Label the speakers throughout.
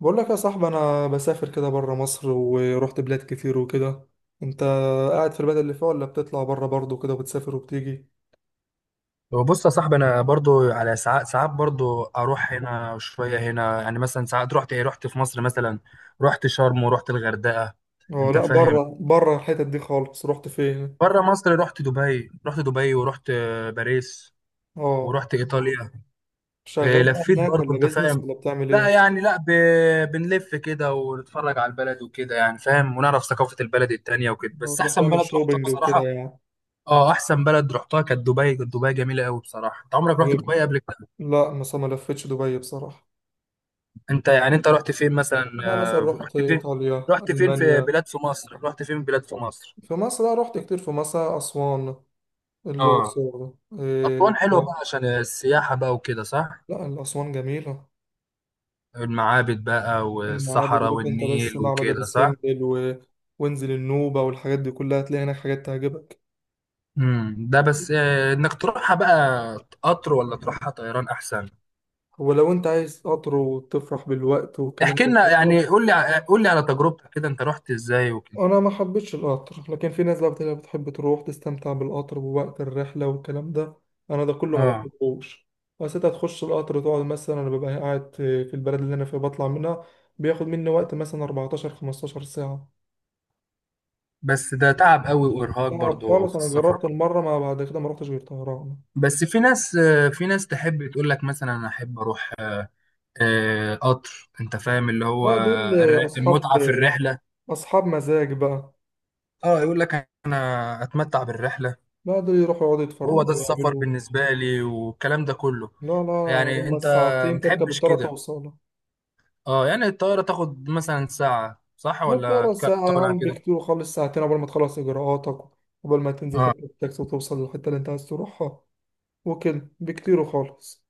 Speaker 1: بقول لك يا صاحبي انا بسافر كده بره مصر ورحت بلاد كتير وكده. انت قاعد في البلد اللي فيها ولا بتطلع بره برضه كده وبتسافر وبتيجي؟
Speaker 2: بص يا صاحبي، انا برضو على ساعات ساعات، برضو اروح هنا شويه هنا. يعني مثلا ساعات رحت في مصر، مثلا رحت شرم ورحت الغردقه.
Speaker 1: اه
Speaker 2: انت
Speaker 1: لا،
Speaker 2: فاهم؟
Speaker 1: بره بره الحتت دي خالص، رحت فين؟
Speaker 2: بره مصر رحت دبي، ورحت باريس،
Speaker 1: اه،
Speaker 2: ورحت ايطاليا.
Speaker 1: شغال بقى
Speaker 2: لفيت
Speaker 1: هناك
Speaker 2: برضو.
Speaker 1: ولا
Speaker 2: انت
Speaker 1: بيزنس
Speaker 2: فاهم؟
Speaker 1: ولا بتعمل
Speaker 2: لا
Speaker 1: ايه؟
Speaker 2: يعني لا بنلف كده ونتفرج على البلد وكده، يعني فاهم، ونعرف ثقافه البلد التانيه وكده.
Speaker 1: لو
Speaker 2: بس
Speaker 1: تروح
Speaker 2: احسن
Speaker 1: تعمل
Speaker 2: بلد رحتها
Speaker 1: شوبينج وكده
Speaker 2: بصراحه،
Speaker 1: يعني.
Speaker 2: اه احسن بلد رحتها كانت دبي جميله قوي بصراحه. انت عمرك رحت
Speaker 1: إيه؟
Speaker 2: دبي قبل كده؟
Speaker 1: لا مثلا ما لفتش دبي بصراحة.
Speaker 2: انت رحت فين مثلا؟
Speaker 1: لا مثلا رحت ايطاليا المانيا.
Speaker 2: رحت فين بلاد في مصر؟
Speaker 1: في مصر، لا رحت كتير في مصر، اسوان،
Speaker 2: اه.
Speaker 1: الاقصر. إيه.
Speaker 2: أسوان حلوة بقى، عشان السياحة بقى وكده، صح؟
Speaker 1: لا الاسوان جميلة.
Speaker 2: المعابد بقى
Speaker 1: المعابد
Speaker 2: والصحراء
Speaker 1: روح انت بس
Speaker 2: والنيل
Speaker 1: معبد ابو
Speaker 2: وكده، صح؟
Speaker 1: سمبل وانزل النوبة والحاجات دي كلها هتلاقي هناك حاجات تعجبك.
Speaker 2: ده بس انك تروحها بقى. قطر ولا تروحها طيران احسن؟
Speaker 1: ولو انت عايز قطر وتفرح بالوقت والكلام
Speaker 2: احكي
Speaker 1: ده
Speaker 2: لنا،
Speaker 1: كله.
Speaker 2: يعني قول لي على تجربتك كده، انت رحت ازاي وكده؟
Speaker 1: انا ما حبيتش القطر، لكن في ناس بقى بتلاقي بتحب تروح تستمتع بالقطر ووقت الرحلة والكلام ده. انا ده كله ما
Speaker 2: اه،
Speaker 1: بحبوش. بس انت هتخش القطر تقعد مثلا، انا ببقى قاعد في البلد اللي انا فيها بطلع منها. بياخد مني وقت مثلا 14 15 ساعة.
Speaker 2: بس ده تعب قوي وارهاق
Speaker 1: صعب
Speaker 2: برضو
Speaker 1: خالص،
Speaker 2: في
Speaker 1: انا
Speaker 2: السفر.
Speaker 1: جربت المرة ما بعد كده ما رحتش غير طهران.
Speaker 2: بس في ناس تحب تقول لك، مثلا، انا احب اروح قطر. انت فاهم اللي هو
Speaker 1: لا دول أصحاب
Speaker 2: المتعة في الرحلة.
Speaker 1: أصحاب مزاج بقى.
Speaker 2: اه، يقول لك انا اتمتع بالرحلة.
Speaker 1: بعدوا يروحوا يقعدوا
Speaker 2: وهو
Speaker 1: يتفرجوا
Speaker 2: ده السفر
Speaker 1: ويعملوا.
Speaker 2: بالنسبة لي، والكلام ده كله.
Speaker 1: لا لا.
Speaker 2: يعني
Speaker 1: هما
Speaker 2: انت
Speaker 1: الساعتين تركب
Speaker 2: متحبش
Speaker 1: الطيارة
Speaker 2: كده؟
Speaker 1: توصل.
Speaker 2: اه، يعني الطيارة تاخد مثلا ساعة، صح؟
Speaker 1: ما
Speaker 2: ولا
Speaker 1: الطيارة ساعة
Speaker 2: تطول عن
Speaker 1: أول
Speaker 2: كده؟
Speaker 1: بكتير، وخلص ساعتين قبل ما تخلص إجراءاتك، قبل ما تنزل
Speaker 2: اه
Speaker 1: تركب التاكسي وتوصل للحتة اللي أنت عايز تروحها وكده بكتير وخالص.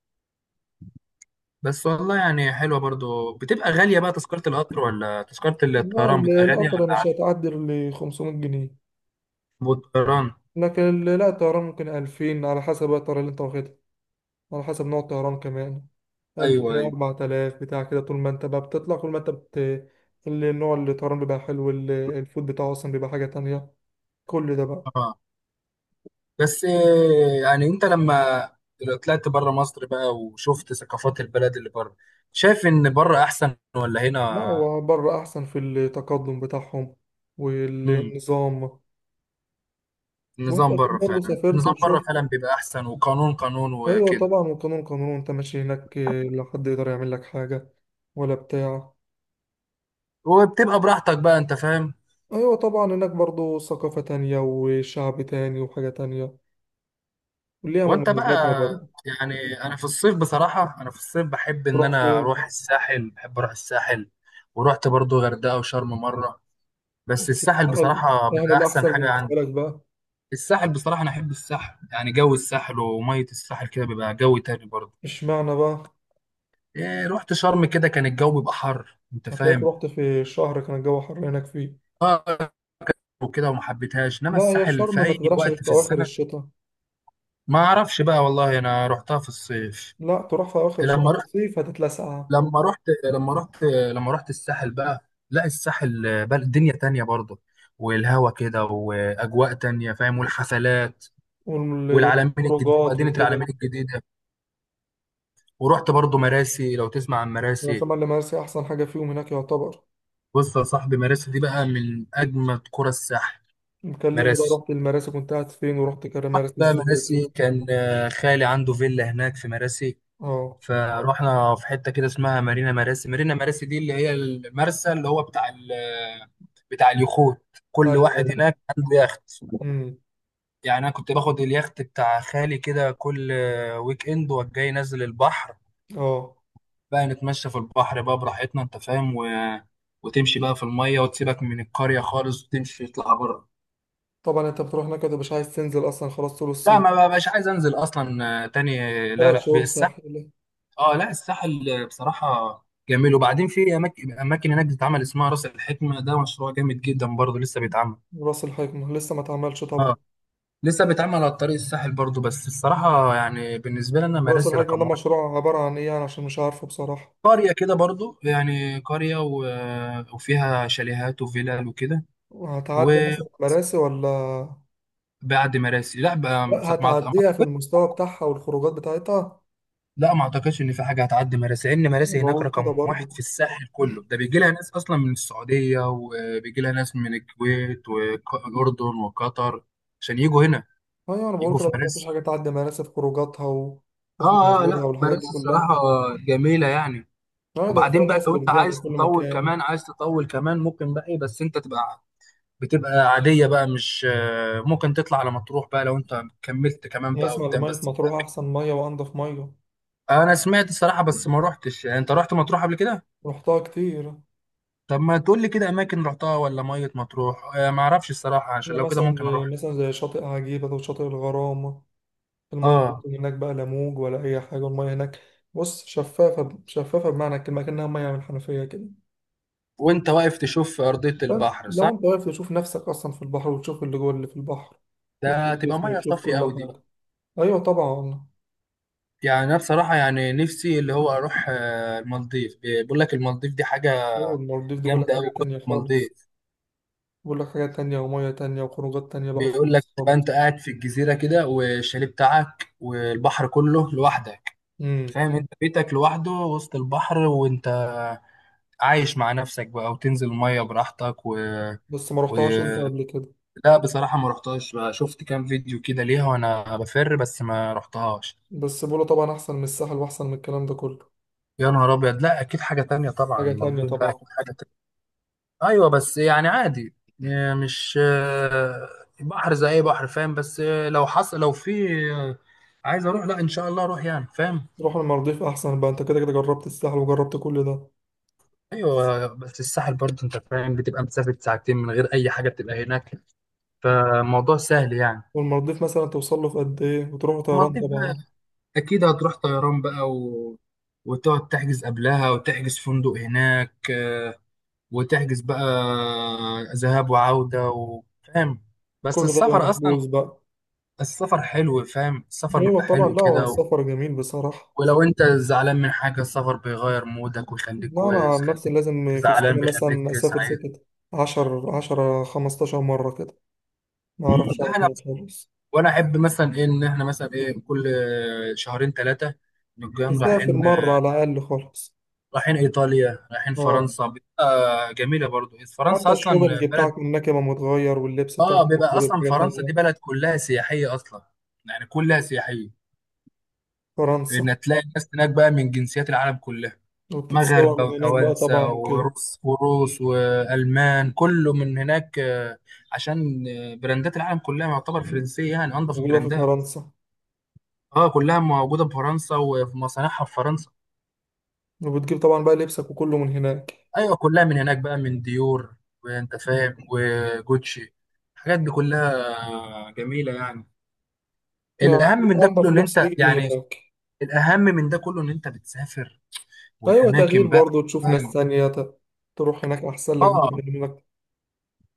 Speaker 2: بس والله، يعني حلوة برضو. بتبقى غالية بقى تذكرة القطر ولا تذكرة
Speaker 1: لا
Speaker 2: الطيران بتبقى غالية
Speaker 1: القطر ده
Speaker 2: ولا
Speaker 1: مش
Speaker 2: عادي؟
Speaker 1: هتعدي ل 500 جنيه.
Speaker 2: والطيران؟
Speaker 1: لكن لا الطيران ممكن 2000 على حسب بقى الطيارة اللي أنت واخدها، على حسب نوع الطيران كمان. ألف
Speaker 2: ايوه ايوه.
Speaker 1: أربعة آلاف بتاع كده، طول ما أنت بقى بتطلع، كل ما أنت النوع اللي الطيران بيبقى حلو، الفود بتاعه أصلا بيبقى حاجة تانية. كل ده بقى.
Speaker 2: اه بس يعني انت لما طلعت بره مصر بقى وشفت ثقافات البلد اللي بره، شايف ان بره احسن ولا
Speaker 1: لا
Speaker 2: هنا؟
Speaker 1: هو بره أحسن في التقدم بتاعهم
Speaker 2: امم
Speaker 1: والنظام. وأنت
Speaker 2: النظام
Speaker 1: أكيد
Speaker 2: بره
Speaker 1: برضه
Speaker 2: فعلا،
Speaker 1: سافرت
Speaker 2: النظام بره
Speaker 1: وشفت.
Speaker 2: فعلا بيبقى احسن، وقانون قانون
Speaker 1: أيوة
Speaker 2: وكده.
Speaker 1: طبعا، والقانون قانون، أنت ماشي هناك، لا حد يقدر يعمل لك حاجة ولا بتاع.
Speaker 2: وبتبقى براحتك بقى. انت فاهم؟
Speaker 1: أيوة طبعا، هناك برضه ثقافة تانية وشعب تاني وحاجة تانية وليها
Speaker 2: وانت بقى؟
Speaker 1: مميزاتها برضه.
Speaker 2: يعني انا في الصيف بصراحة، انا في الصيف بحب ان
Speaker 1: تروح
Speaker 2: انا اروح
Speaker 1: فين؟
Speaker 2: الساحل، بحب اروح الساحل. ورحت برضو غردقة وشرم مرة، بس الساحل
Speaker 1: بتستاهل.
Speaker 2: بصراحة
Speaker 1: يعني
Speaker 2: بيبقى احسن
Speaker 1: الأحسن
Speaker 2: حاجة عندي.
Speaker 1: بالنسبة لك بقى.
Speaker 2: الساحل بصراحة أنا أحب الساحل. يعني جو الساحل ومية الساحل كده بيبقى جو تاني برضه.
Speaker 1: اشمعنى بقى؟
Speaker 2: إيه، رحت شرم كده كان الجو بيبقى حر. أنت
Speaker 1: هتلاقيك
Speaker 2: فاهم؟
Speaker 1: رحت في شهر كان الجو حر هناك فيه.
Speaker 2: آه. وكده وما حبيتهاش، إنما
Speaker 1: لا هي
Speaker 2: الساحل في
Speaker 1: شرم ما
Speaker 2: أي
Speaker 1: تروحش
Speaker 2: وقت
Speaker 1: في
Speaker 2: في
Speaker 1: أواخر
Speaker 2: السنة.
Speaker 1: الشتاء.
Speaker 2: ما أعرفش بقى والله، أنا رحتها في الصيف.
Speaker 1: لا تروح في أواخر الشتاء،
Speaker 2: لما
Speaker 1: في
Speaker 2: رحت
Speaker 1: الصيف هتتلسع.
Speaker 2: لما رحت لما رحت الساحل بقى. لا، الساحل بقى دنيا تانية برضه. والهوا كده وأجواء تانية فاهم، والحفلات. والعلمين الجديدة
Speaker 1: والخروجات
Speaker 2: مدينة العلمين
Speaker 1: وكده.
Speaker 2: الجديدة. ورحت برضه مراسي، لو تسمع عن
Speaker 1: بس
Speaker 2: مراسي.
Speaker 1: طبعا المراسي أحسن حاجة فيهم هناك، يعتبر.
Speaker 2: بص يا صاحبي، مراسي دي بقى من أجمد قرى الساحل.
Speaker 1: مكلمني بقى،
Speaker 2: مراسي
Speaker 1: رحت المراسي كنت قاعد فين ورحت مراسي
Speaker 2: بقى،
Speaker 1: ازاي وكده.
Speaker 2: مراسي كان خالي عنده فيلا هناك في مراسي.
Speaker 1: اه.
Speaker 2: فروحنا في حتة كده اسمها مارينا مراسي. مارينا مراسي دي اللي هي المرسى، اللي هو بتاع ال آه، بتاع اليخوت. كل
Speaker 1: ايوه
Speaker 2: واحد
Speaker 1: ايوه.
Speaker 2: هناك عنده يخت.
Speaker 1: امم.
Speaker 2: يعني أنا كنت باخد اليخت بتاع خالي كده كل ويك إند، وجاي نازل البحر.
Speaker 1: اه.
Speaker 2: بقى نتمشى في البحر بقى براحتنا. أنت فاهم؟ وتمشي بقى في المية، وتسيبك من القرية خالص، وتمشي تطلع بره.
Speaker 1: طبعا انت بتروح هناك انت مش عايز تنزل اصلا خلاص طول
Speaker 2: لا،
Speaker 1: الصيف.
Speaker 2: ما بقاش عايز انزل اصلا تاني. لا
Speaker 1: ثلاث
Speaker 2: لا،
Speaker 1: شهور
Speaker 2: الساحل.
Speaker 1: ساحل.
Speaker 2: اه لا، الساحل بصراحه جميل. وبعدين في اماكن هناك بتتعمل اسمها راس الحكمه. ده مشروع جامد جدا برضه لسه بيتعمل.
Speaker 1: راس الحكمة لسه ما اتعملش
Speaker 2: اه،
Speaker 1: طبعا.
Speaker 2: لسه بيتعمل على طريق الساحل برضه. بس الصراحه يعني بالنسبه لي انا،
Speaker 1: رأس
Speaker 2: مراسي
Speaker 1: الحكمة
Speaker 2: رقم
Speaker 1: ده
Speaker 2: واحد.
Speaker 1: مشروع عبارة عن إيه يعني، عشان مش عارفه بصراحة.
Speaker 2: قريه كده برضه، يعني قريه وفيها شاليهات وفيلل وكده.
Speaker 1: هتعدي مثلا
Speaker 2: وبعد.
Speaker 1: مراسي ولا؟
Speaker 2: مراسي لا بقى.
Speaker 1: لا هتعديها في المستوى بتاعها والخروجات بتاعتها.
Speaker 2: لا، ما اعتقدش ان في حاجه هتعدي مراسي، لان
Speaker 1: أنا
Speaker 2: مراسي هناك
Speaker 1: بقول كده
Speaker 2: رقم
Speaker 1: برضه.
Speaker 2: واحد في الساحل كله. ده بيجي لها ناس اصلا من السعوديه، وبيجي لها ناس من الكويت والاردن وقطر، عشان يجوا هنا،
Speaker 1: أيوة، أنا بقول
Speaker 2: يجوا
Speaker 1: كده
Speaker 2: في
Speaker 1: برضه، مفيش
Speaker 2: مراسي.
Speaker 1: حاجة تعدي مراسي في خروجاتها وفي
Speaker 2: اه اه، لا
Speaker 1: مناظرها والحاجات دي
Speaker 2: مراسي
Speaker 1: كلها.
Speaker 2: الصراحه جميله يعني.
Speaker 1: أه ده كفاية
Speaker 2: وبعدين بقى،
Speaker 1: الناس
Speaker 2: لو
Speaker 1: اللي
Speaker 2: انت
Speaker 1: بتجيها
Speaker 2: عايز
Speaker 1: من كل
Speaker 2: تطول
Speaker 1: مكان.
Speaker 2: كمان، عايز تطول كمان، ممكن بقى بس انت تبقى بتبقى عاديه بقى، مش ممكن تطلع على مطروح بقى لو انت كملت كمان
Speaker 1: أنا
Speaker 2: بقى
Speaker 1: أسمع إن
Speaker 2: قدام
Speaker 1: مية
Speaker 2: بس.
Speaker 1: مطروح أحسن مية وأنضف مية.
Speaker 2: انا سمعت الصراحه بس ما روحتش. يعني انت رحت مطروح قبل كده؟
Speaker 1: رحتها كتير.
Speaker 2: طب، ما تقول لي كده اماكن رحتها، ولا ميه مطروح؟ آه، ما اعرفش الصراحه، عشان
Speaker 1: هي
Speaker 2: لو كده
Speaker 1: مثلا،
Speaker 2: ممكن اروح.
Speaker 1: مثلا زي شاطئ عجيبة وشاطئ الغرام. المية
Speaker 2: اه.
Speaker 1: بتاعتهم هناك بقى لا موج ولا أي حاجة، المية هناك بص شفافة شفافة بمعنى الكلمة، كأنها مية من حنفية كده.
Speaker 2: وانت واقف تشوف ارضيه البحر، صح؟
Speaker 1: فلو أنت واقف تشوف نفسك أصلا في البحر، وتشوف اللي جوه اللي في البحر، وتشوف
Speaker 2: ده تبقى
Speaker 1: جسمه
Speaker 2: ميه
Speaker 1: وتشوف
Speaker 2: صافيه
Speaker 1: كل
Speaker 2: قوي دي بقى.
Speaker 1: حاجة. أيوة طبعا.
Speaker 2: يعني انا بصراحه، يعني نفسي اللي هو اروح المالديف. بيقول لك المالديف دي حاجه
Speaker 1: هو المالديف دي بقول لك
Speaker 2: جامده
Speaker 1: حاجة
Speaker 2: قوي، كنت
Speaker 1: تانية خالص،
Speaker 2: المالديف.
Speaker 1: بقول لك حاجة تانية ومية تانية وخروجات تانية بقى،
Speaker 2: بيقول لك
Speaker 1: خالص
Speaker 2: تبقى
Speaker 1: خالص.
Speaker 2: انت قاعد في الجزيره كده، والشاليه بتاعك والبحر كله لوحدك.
Speaker 1: امم.
Speaker 2: فاهم؟ انت بيتك لوحده وسط البحر، وانت عايش مع نفسك بقى، وتنزل الميه براحتك
Speaker 1: بس ما
Speaker 2: و...
Speaker 1: رحتهاش أنت قبل كده.
Speaker 2: لا، بصراحة ما رحتهاش بقى. شفت كام فيديو كده ليها وانا بفر، بس ما رحتهاش.
Speaker 1: بس بقوله طبعا أحسن من الساحل وأحسن من الكلام ده كله.
Speaker 2: يا نهار ابيض، لا اكيد حاجة تانية طبعا.
Speaker 1: حاجة تانية
Speaker 2: المالديف ده
Speaker 1: طبعا.
Speaker 2: اكيد حاجة تانية. ايوه بس يعني عادي. مش بحر زي اي بحر، فاهم. بس لو حصل، لو في آه، عايز اروح. لا، ان شاء الله اروح يعني، فاهم.
Speaker 1: روح المالديف أحسن بقى، أنت كده كده جربت الساحل وجربت كل ده.
Speaker 2: ايوه بس الساحل برضه، انت فاهم، بتبقى مسافة ساعتين من غير اي حاجة بتبقى هناك، فالموضوع سهل يعني.
Speaker 1: والمالديف مثلا توصل له في قد إيه؟ وتروحوا طيران
Speaker 2: المالديف،
Speaker 1: طبعا.
Speaker 2: اكيد هتروح طيران بقى وتقعد تحجز قبلها، وتحجز فندق هناك وتحجز بقى ذهاب وعودة فاهم. بس
Speaker 1: كل ده يبقى
Speaker 2: السفر اصلا،
Speaker 1: محجوز بقى.
Speaker 2: السفر حلو فاهم، السفر
Speaker 1: أيوة
Speaker 2: بيبقى
Speaker 1: طبعا،
Speaker 2: حلو
Speaker 1: لا هو
Speaker 2: كده
Speaker 1: السفر جميل بصراحة.
Speaker 2: ولو انت زعلان من حاجة، السفر بيغير مودك ويخليك
Speaker 1: لا أنا
Speaker 2: كويس،
Speaker 1: عن نفسي
Speaker 2: يخليك
Speaker 1: لازم في
Speaker 2: زعلان
Speaker 1: السنة مثلا
Speaker 2: بيخليك
Speaker 1: أسافر
Speaker 2: سعيد.
Speaker 1: ستة عشر عشرة خمستاشر مرة كده. ما أعرفش أقعد
Speaker 2: ده انا.
Speaker 1: هنا خالص.
Speaker 2: وانا احب مثلا ايه، ان احنا مثلا ايه كل شهرين ثلاثة نقوم
Speaker 1: تسافر
Speaker 2: رايحين
Speaker 1: مرة على الأقل خالص.
Speaker 2: رايحين ايطاليا، رايحين
Speaker 1: أه.
Speaker 2: فرنسا بيبقى جميله برضو. فرنسا
Speaker 1: حتى
Speaker 2: اصلا
Speaker 1: الشوبنج
Speaker 2: بلد.
Speaker 1: بتاعك هناك يبقى متغير، واللبس بتاعك
Speaker 2: اه
Speaker 1: هناك
Speaker 2: بيبقى
Speaker 1: برضه
Speaker 2: اصلا
Speaker 1: بحاجة
Speaker 2: فرنسا
Speaker 1: تانية.
Speaker 2: دي بلد كلها سياحيه اصلا. يعني كلها سياحيه.
Speaker 1: فرنسا.
Speaker 2: ان تلاقي ناس هناك بقى من جنسيات العالم كلها،
Speaker 1: وبتتصور
Speaker 2: مغاربه
Speaker 1: من هناك بقى طبعا
Speaker 2: وتوانسه
Speaker 1: وكده.
Speaker 2: وروس وروس والمان، كله من هناك. عشان براندات العالم كلها يعتبر فرنسيه، يعني انضف
Speaker 1: موجودة في
Speaker 2: البراندات.
Speaker 1: فرنسا.
Speaker 2: اه، كلها موجوده في فرنسا وفي مصانعها في فرنسا.
Speaker 1: وبتجيب طبعا بقى لبسك وكله من هناك.
Speaker 2: ايوه كلها من هناك بقى، من ديور وانت فاهم وجوتشي، الحاجات دي كلها جميله يعني.
Speaker 1: ما-
Speaker 2: الاهم من ده كله
Speaker 1: أنضف
Speaker 2: ان
Speaker 1: لبس
Speaker 2: انت
Speaker 1: بيجي من
Speaker 2: يعني
Speaker 1: هناك.
Speaker 2: الاهم من ده كله ان انت بتسافر،
Speaker 1: ايوه، تغيير
Speaker 2: والاماكن بقى
Speaker 1: برضه، تشوف ناس
Speaker 2: فاهم.
Speaker 1: تانية تروح هناك احسن لك
Speaker 2: اه،
Speaker 1: من انك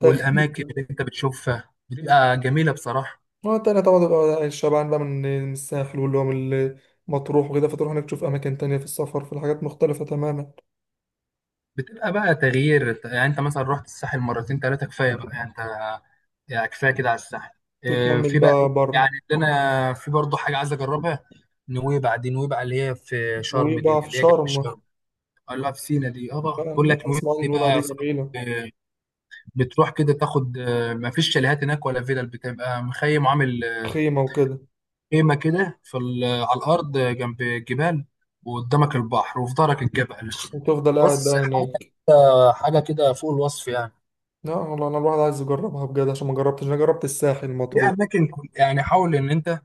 Speaker 1: تغيير
Speaker 2: اللي انت بتشوفها بتبقى جميله بصراحه.
Speaker 1: مرة تانية طبعا، تبقى شبعان بقى من الساحل واللي هو من مطروح وكده، فتروح هناك تشوف اماكن تانية في السفر، في حاجات مختلفة تماما.
Speaker 2: بتبقى بقى تغيير. يعني انت مثلا رحت الساحل مرتين ثلاثه كفايه بقى، يعني انت، يعني كفايه كده على الساحل. اه،
Speaker 1: تكمل
Speaker 2: في بقى ايه؟
Speaker 1: بقى
Speaker 2: يعني
Speaker 1: بره.
Speaker 2: اللي انا في برضه حاجه عايز اجربها، نويبع دي. نويبع اللي هي في شرم،
Speaker 1: وبقى
Speaker 2: دي
Speaker 1: في
Speaker 2: اللي هي جنب
Speaker 1: شرم.
Speaker 2: شرم. قال لها في سينا دي. اه بقى،
Speaker 1: بقى
Speaker 2: بقول لك نويبع
Speaker 1: اسمع إن
Speaker 2: دي
Speaker 1: النوبة
Speaker 2: بقى
Speaker 1: دي
Speaker 2: يا صاحبي.
Speaker 1: جميلة.
Speaker 2: اه، بتروح كده تاخد. اه، ما فيش شاليهات هناك ولا فيلل، بتبقى مخيم عامل
Speaker 1: خيمة وكده.
Speaker 2: خيمه كده في على الارض جنب الجبال. وقدامك البحر وفي ظهرك الجبل.
Speaker 1: وتفضل قاعد
Speaker 2: بص
Speaker 1: بقى
Speaker 2: حاجه
Speaker 1: هناك.
Speaker 2: حاجه كده فوق الوصف يعني.
Speaker 1: لا والله انا الواحد عايز يجربها بجد عشان ما جربتش، انا جربت الساحل
Speaker 2: في
Speaker 1: مطروح.
Speaker 2: اماكن يعني حاول ان انت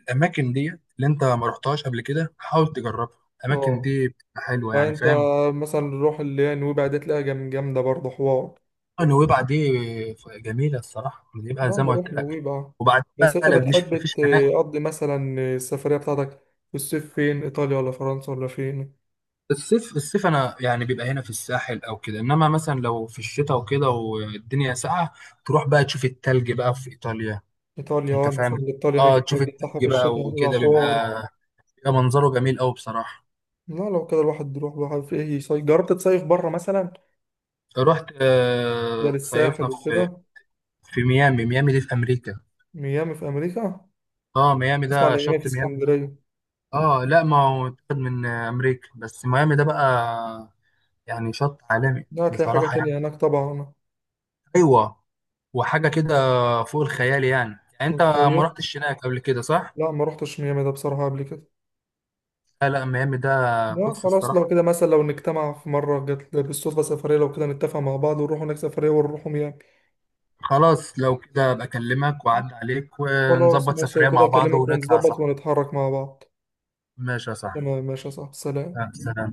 Speaker 2: الاماكن دي، اللي انت ما رحتهاش قبل كده حاول تجربها، الاماكن
Speaker 1: اه.
Speaker 2: دي بتبقى حلوه يعني،
Speaker 1: فانت
Speaker 2: فاهم.
Speaker 1: مثلا روح اللي هي نويبع دي، تلاقيها جامدة برضه، حوار.
Speaker 2: نويبع دي جميله الصراحه، بيبقى
Speaker 1: لا
Speaker 2: زي ما
Speaker 1: نروح
Speaker 2: قلت لك.
Speaker 1: نويبع بقى.
Speaker 2: وبعد
Speaker 1: بس انت
Speaker 2: بقى لا، مش
Speaker 1: بتحب
Speaker 2: مفيش هناك.
Speaker 1: تقضي مثلا السفرية بتاعتك في الصيف فين، ايطاليا ولا فرنسا ولا فين؟
Speaker 2: الصيف الصيف انا يعني بيبقى هنا في الساحل او كده. انما مثلا لو في الشتاء وكده والدنيا ساقعه، تروح بقى تشوف التلج بقى في ايطاليا.
Speaker 1: ايطاليا،
Speaker 2: انت
Speaker 1: اه مثلا
Speaker 2: فاهم؟
Speaker 1: ايطاليا هناك
Speaker 2: اه، تشوف
Speaker 1: الجو بتاعها في
Speaker 2: التلج بقى
Speaker 1: الشتاء بيبقى
Speaker 2: وكده، بيبقى
Speaker 1: حوار.
Speaker 2: بيبقى منظره جميل قوي بصراحه.
Speaker 1: لا لو كده الواحد يروح، الواحد في ايه، يصيف؟ جربت تصيف بره مثلا
Speaker 2: رحت
Speaker 1: غير الساحل
Speaker 2: صيفنا في
Speaker 1: وكده؟
Speaker 2: في ميامي. ميامي دي في امريكا.
Speaker 1: ميامي في امريكا.
Speaker 2: اه، ميامي ده
Speaker 1: اسمع على ميامي
Speaker 2: شط
Speaker 1: في
Speaker 2: ميامي.
Speaker 1: اسكندرية.
Speaker 2: اه لا، ما هو اتخذ من امريكا، بس ميامي ده بقى يعني شط عالمي
Speaker 1: لا هتلاقي حاجة
Speaker 2: بصراحة يعني.
Speaker 1: تانية هناك طبعا.
Speaker 2: ايوه. وحاجة كده فوق الخيال يعني. يعني انت ما
Speaker 1: الصيف.
Speaker 2: رحتش هناك قبل كده، صح؟
Speaker 1: لا ما روحتش ميامي ده بصراحة قبل كده.
Speaker 2: لا لا ميامي ده.
Speaker 1: لا
Speaker 2: بص
Speaker 1: خلاص،
Speaker 2: الصراحة،
Speaker 1: لو كده مثلا لو نجتمع في مرة، جت بالصدفة سفرية، لو كده نتفق مع بعض ونروح هناك سفرية ونروح ميامي.
Speaker 2: خلاص لو كده ابقى اكلمك واعدي عليك
Speaker 1: خلاص
Speaker 2: ونظبط
Speaker 1: ماشي،
Speaker 2: سفرية
Speaker 1: وكده
Speaker 2: مع بعض
Speaker 1: اكلمك
Speaker 2: ونطلع،
Speaker 1: ونظبط
Speaker 2: صح؟
Speaker 1: ونتحرك مع بعض.
Speaker 2: ماشي يا صاحبي.
Speaker 1: تمام، ماشي يا صاحبي، سلام.
Speaker 2: سلام.